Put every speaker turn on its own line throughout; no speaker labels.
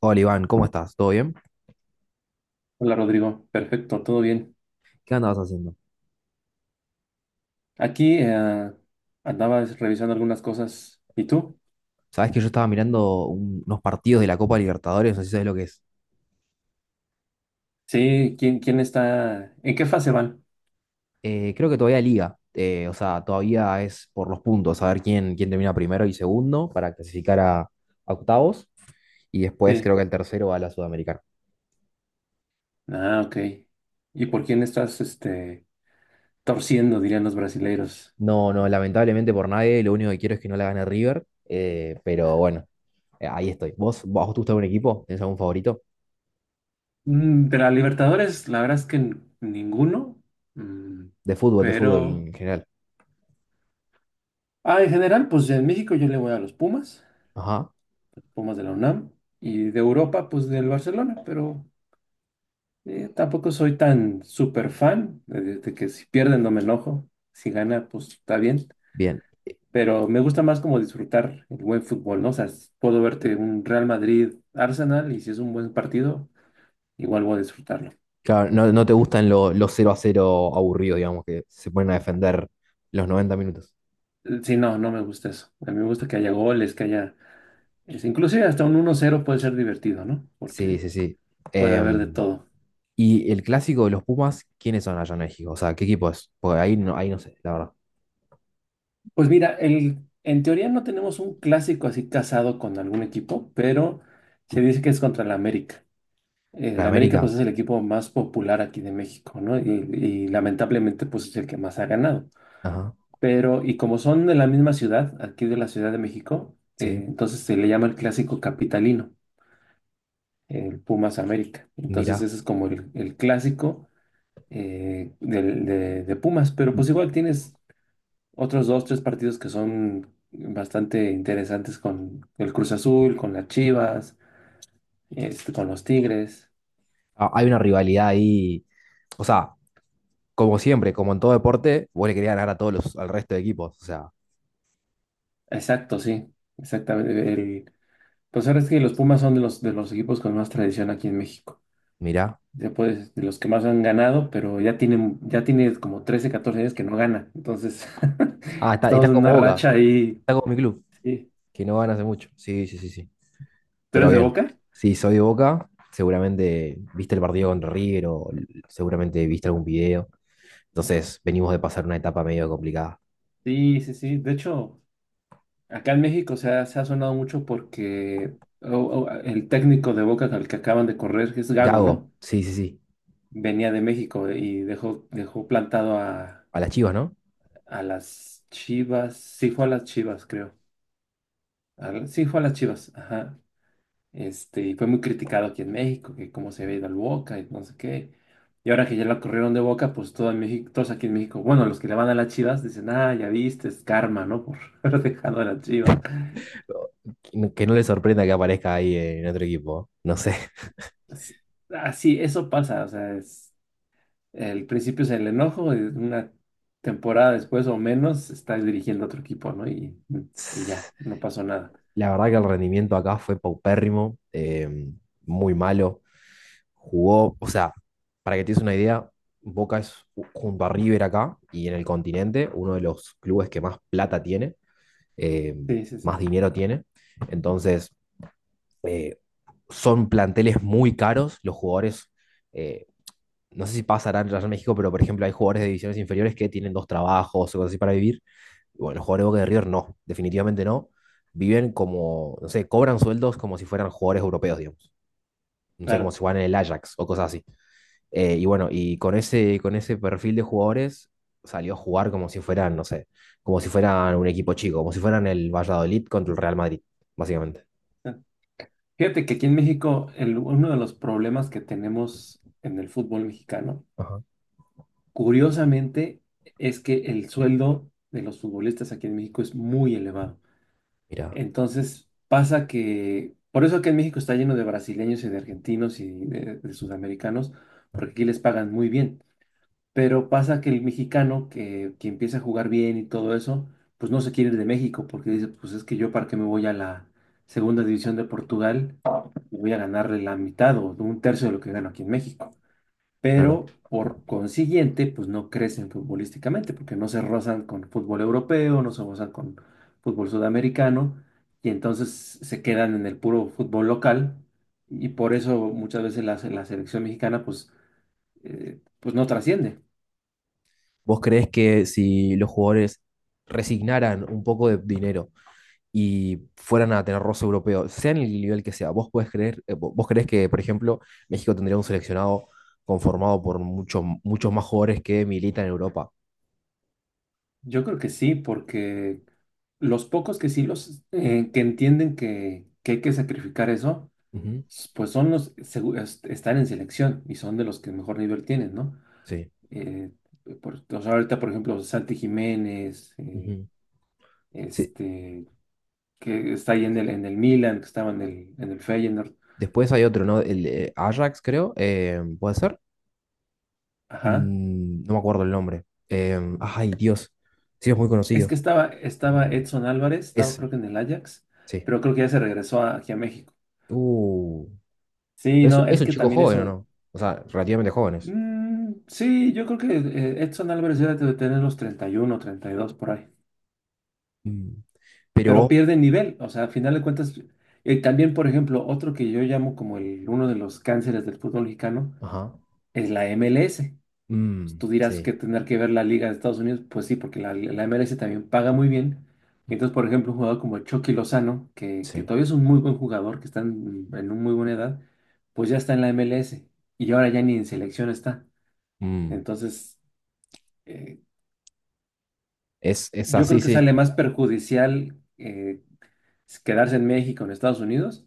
Hola Iván, ¿cómo estás? ¿Todo bien?
Hola Rodrigo, perfecto, todo bien.
¿Qué andabas haciendo?
Aquí andaba revisando algunas cosas. ¿Y tú?
Sabes que yo estaba mirando unos partidos de la Copa Libertadores, no sé si sabes lo que es.
Sí, ¿quién está? ¿En qué fase van?
Creo que todavía liga, o sea, todavía es por los puntos, a ver quién termina primero y segundo para clasificar a octavos y después
Sí.
creo que el tercero va a la Sudamericana.
Ah, ok. ¿Y por quién estás torciendo, dirían los brasileiros?
No, no, lamentablemente por nadie, lo único que quiero es que no la gane River, pero bueno, ahí estoy. ¿Vos te gusta algún equipo? ¿Tenés algún favorito?
De la Libertadores, la verdad es que ninguno. Mm,
De fútbol
pero.
en general.
Ah, en general, pues en México yo le voy a los Pumas,
Ajá,
Pumas de la UNAM. Y de Europa, pues del Barcelona, pero. Tampoco soy tan super fan de, que si pierden no me enojo, si gana pues está bien,
bien.
pero me gusta más como disfrutar el buen fútbol, ¿no? O sea, puedo verte un Real Madrid Arsenal, y si es un buen partido, igual voy a disfrutarlo.
Claro, no te gustan los 0-0 aburridos, digamos, que se ponen a defender los 90 minutos.
Sí, no, no me gusta eso. A mí me gusta que haya goles, que haya, inclusive hasta un 1-0 puede ser divertido, ¿no?
Sí,
Porque
sí, sí.
puede haber de
Em,
todo.
y el clásico de los Pumas, ¿quiénes son allá en México? O sea, ¿qué equipo es? Porque ahí no sé, la verdad.
Pues mira, en teoría no tenemos un clásico así casado con algún equipo, pero se dice que es contra la América.
¿La
El
de
América pues
América?
es el equipo más popular aquí de México, ¿no? Y lamentablemente pues es el que más ha ganado.
Ajá,
Pero y como son de la misma ciudad, aquí de la Ciudad de México,
sí,
entonces se le llama el clásico capitalino, el Pumas América. Entonces
mira.
ese es como el clásico de Pumas, pero pues igual tienes otros dos, tres partidos que son bastante interesantes con el Cruz Azul, con las Chivas, con los Tigres.
Ah, hay una rivalidad ahí. O sea, como siempre, como en todo deporte, vos le querías ganar al resto de equipos. O sea,
Exacto, sí, exactamente. Pues ahora es que los Pumas son de los equipos con más tradición aquí en México.
mira.
Ya puedes, de los que más han ganado, pero ya tiene como 13 14 años que no gana. Entonces,
Ah, está,
estamos
está
en
como
una
Boca,
racha ahí.
está como mi club,
Sí.
que no gana hace mucho. Sí, sí, sí, sí.
¿Tú
Pero
eres de
bien,
Boca?
si soy de Boca, seguramente viste el partido contra River o seguramente viste algún video. Entonces, venimos de pasar una etapa medio complicada.
Sí, sí, sí. De hecho, acá en México se ha sonado mucho porque o- o el técnico de Boca al que acaban de correr, que es Gago,
Gago,
¿no?
sí, sí, sí.
Venía de México y dejó plantado a,
A las Chivas, ¿no?
las Chivas. Sí, fue a las Chivas, creo. Sí, fue a las Chivas. Ajá. Y fue muy criticado aquí en México, que cómo se había ido al Boca y no sé qué. Y ahora que ya la corrieron de Boca, pues todo en México, todos aquí en México, bueno, los que le van a las Chivas dicen, ah, ya viste, es karma, ¿no? Por haber dejado a las Chivas.
Que no le sorprenda que aparezca ahí en otro equipo. ¿Eh? No sé.
Es- Así, eso pasa, o sea, el principio es el enojo, y una temporada después o menos estás dirigiendo a otro equipo, ¿no? Y ya, no pasó nada.
La verdad que el rendimiento acá fue paupérrimo, muy malo. Jugó, o sea, para que te des una idea, Boca es junto a River acá y en el continente uno de los clubes que más plata tiene. eh,
Sí, sí,
más
sí,
dinero tiene. Entonces, eh, son planteles muy caros, los jugadores, eh, no sé si pasará en Real México, pero por ejemplo hay jugadores de divisiones inferiores que tienen dos trabajos o cosas así para vivir. Y bueno, los jugadores de Boca de River no, definitivamente no. Viven como, no sé, cobran sueldos como si fueran jugadores europeos, digamos. No sé, como
claro.
si fueran en el Ajax o cosas así. Y bueno, y con ese perfil de jugadores salió a jugar como si fueran, no sé, como si fueran un equipo chico, como si fueran el Valladolid contra el Real Madrid, básicamente.
Fíjate que aquí en México, uno de los problemas que tenemos en el fútbol mexicano,
Ajá,
curiosamente, es que el sueldo de los futbolistas aquí en México es muy elevado.
mira,
Entonces, pasa que, por eso aquí en México está lleno de brasileños y de argentinos y de sudamericanos, porque aquí les pagan muy bien. Pero pasa que el mexicano que empieza a jugar bien y todo eso, pues no se quiere ir de México porque dice, pues es que yo para qué me voy a la segunda división de Portugal, voy a ganarle la mitad o un tercio de lo que gano aquí en México,
claro.
pero por consiguiente, pues no crecen futbolísticamente, porque no se rozan con fútbol europeo, no se rozan con fútbol sudamericano, y entonces se quedan en el puro fútbol local, y por eso muchas veces la selección mexicana, pues, pues no trasciende.
¿Vos creés que si los jugadores resignaran un poco de dinero y fueran a tener roce europeo, sea en el nivel que sea, vos podés creer, vos creés que, por ejemplo, México tendría un seleccionado conformado por muchos muchos más jugadores que militan en Europa?
Yo creo que sí, porque los pocos que sí los que entienden que hay que sacrificar eso,
Ujú,
pues son están en selección y son de los que mejor nivel tienen, ¿no?
sí.
eh, Ahorita, por ejemplo, Santi Jiménez,
Ujú. Sí,
este, que está ahí en el Milan, que estaba en el Feyenoord.
después hay otro, ¿no? El Ajax, creo. ¿Puede ser?
Ajá.
No me acuerdo el nombre. Ay, Dios. Sí, es muy
Es
conocido.
que estaba Edson Álvarez, estaba
Ese,
creo que en el Ajax,
sí.
pero creo que ya se regresó aquí a México.
Uh,
Sí,
pero es,
no, es
es un
que
chico
también
joven, ¿o
eso.
no? O sea, relativamente jóvenes.
Sí, yo creo que Edson Álvarez ya debe tener los 30 31 32 por ahí.
Mm,
Pero
pero,
pierde nivel, o sea, al final de cuentas. También, por ejemplo, otro que yo llamo como uno de los cánceres del fútbol mexicano
ajá.
es la MLS. Pues
Mm,
tú dirás
sí,
que tener que ver la Liga de Estados Unidos, pues sí, porque la MLS también paga muy bien. Y entonces, por ejemplo, un jugador como Chucky Lozano, que
sí.
todavía es un muy buen jugador, que está en una muy buena edad, pues ya está en la MLS y ahora ya ni en selección está.
mm,
Entonces, eh,
es
yo
así,
creo que
sí.
sale más perjudicial quedarse en México, en Estados Unidos,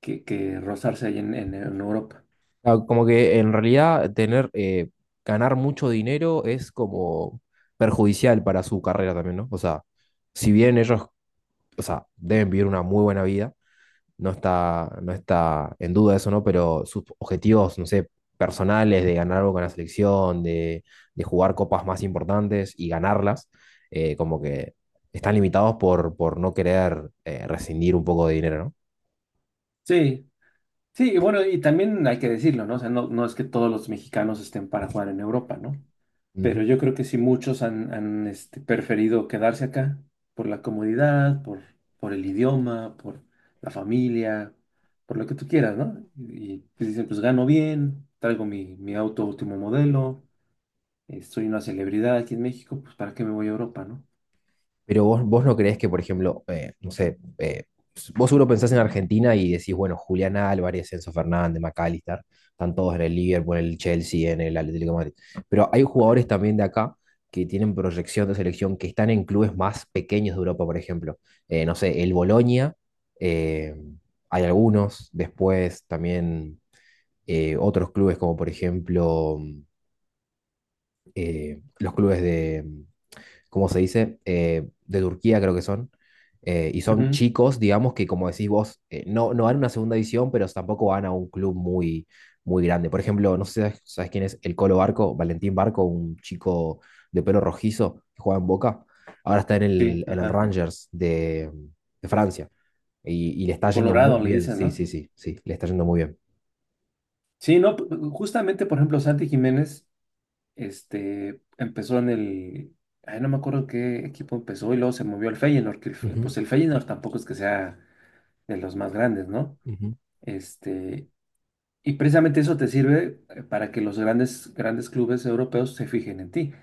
que rozarse ahí en en Europa.
Ah, como que en realidad tener, ganar mucho dinero es como perjudicial para su carrera también, ¿no? O sea, si bien ellos o sea, deben vivir una muy buena vida, no está en duda eso, ¿no? Pero sus objetivos, no sé, personales de ganar algo con la selección, de jugar copas más importantes y ganarlas, como que están limitados por no querer rescindir un poco de dinero, ¿no?
Sí, sí, y bueno, y también hay que decirlo, ¿no? O sea, no, no es que todos los mexicanos estén para jugar en Europa, ¿no? Pero
Ujú.
yo creo que sí muchos han preferido quedarse acá por la comodidad, por el idioma, por la familia, por lo que tú quieras, ¿no? Y pues dicen, pues gano bien, traigo mi auto último modelo, soy una celebridad aquí en México, pues ¿para qué me voy a Europa, no?
Pero vos no creés que, por ejemplo, no sé, vos seguro pensás en Argentina y decís, bueno, Julián Álvarez, Enzo Fernández, McAllister, están todos en el Liverpool, en el Chelsea, en el Atlético de Madrid. Pero hay jugadores también de acá que tienen proyección de selección, que están en clubes más pequeños de Europa, por ejemplo. No sé, el Bolonia, eh, hay algunos, después también otros clubes como, por ejemplo, los clubes de como se dice, de Turquía creo que son. Y son
Ujú,
chicos, digamos, que como decís vos, no, no van a una segunda división, pero tampoco van a un club muy, muy grande. Por ejemplo, no sé si sabes, sabes quién es el Colo Barco, Valentín Barco, un chico de pelo rojizo que juega en Boca. Ahora está en
sí,
el, en el
ajá.
Rangers de Francia y le está yendo muy
Colorado le
bien.
dicen,
Sí,
¿no?
sí, sí, sí, le está yendo muy bien.
Sí, no, justamente, por ejemplo, Santi Jiménez, empezó ay, no me acuerdo qué equipo empezó y luego se movió al Feyenoord,
Ujú.
pues el Feyenoord tampoco es que sea de los más grandes, ¿no?
Ujú.
Este, y precisamente eso te sirve para que los grandes, grandes clubes europeos se fijen en ti,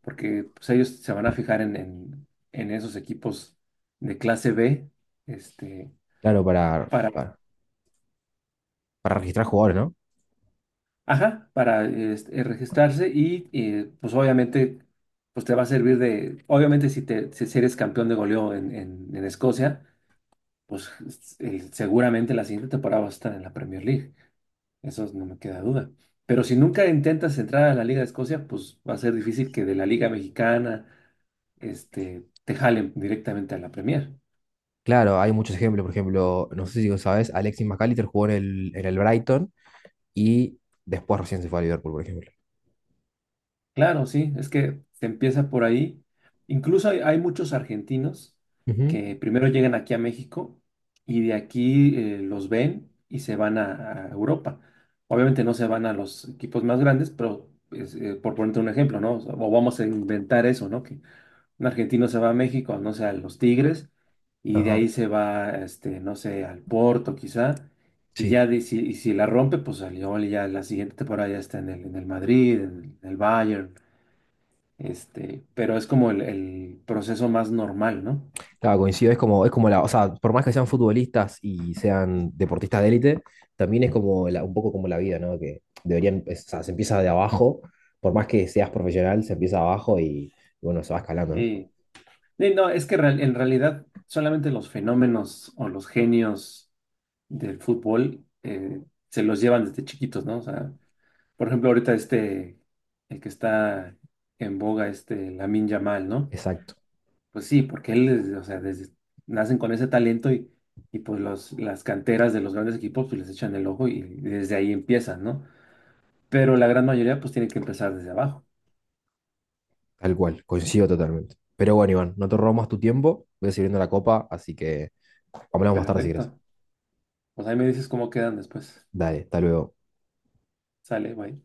porque pues, ellos se van a fijar en esos equipos de clase B, este,
Claro, para,
para,
para, para registrar jugadores, no.
ajá, para registrarse y pues obviamente pues te va a servir de, obviamente si, te, si si eres campeón de goleo en, en Escocia, pues seguramente la siguiente temporada vas a estar en la Premier League, eso no me queda duda. Pero si nunca intentas entrar a la Liga de Escocia, pues va a ser difícil que de la Liga Mexicana te jalen directamente a la Premier.
Claro, hay muchos ejemplos. Por ejemplo, no sé si lo sabes, Alexis Mac Allister jugó en el Brighton y después recién se fue a Liverpool, por ejemplo.
Claro, sí, es que se empieza por ahí. Incluso hay, hay muchos argentinos
Ujú.
que primero llegan aquí a México y de aquí los ven y se van a Europa. Obviamente no se van a los equipos más grandes, pero pues, por ponerte un ejemplo, ¿no? O vamos a inventar eso, ¿no? Que un argentino se va a México, no sé, a los Tigres y de
Ajá.
ahí se va, no sé, al Porto quizá. Y
Sí.
ya y si la rompe, pues salió ya la siguiente temporada ya está en el Madrid, en el Bayern. Pero es como el proceso más normal, ¿no?
Claro, coincido. Es como, o sea, por más que sean futbolistas y sean deportistas de élite, también es como un poco como la vida, ¿no? Que deberían, o sea, se empieza de abajo. Por más que seas profesional, se empieza abajo y bueno, se va escalando, ¿no?
Sí. Sí, no, es que en realidad solamente los fenómenos o los genios del fútbol se los llevan desde chiquitos, ¿no? O sea, por ejemplo, ahorita el que está en boga, este Lamine Yamal, ¿no?
Exacto.
Pues sí, porque o sea, nacen con ese talento y, pues las canteras de los grandes equipos pues les echan el ojo y desde ahí empiezan, ¿no? Pero la gran mayoría pues tiene que empezar desde abajo.
Tal cual, coincido totalmente. Pero bueno, Iván, no te robo más tu tiempo. Voy a seguir viendo la copa, así que hablamos más tarde si quieres.
Perfecto. Pues ahí me dices cómo quedan después.
Dale, hasta luego.
Sale, bye.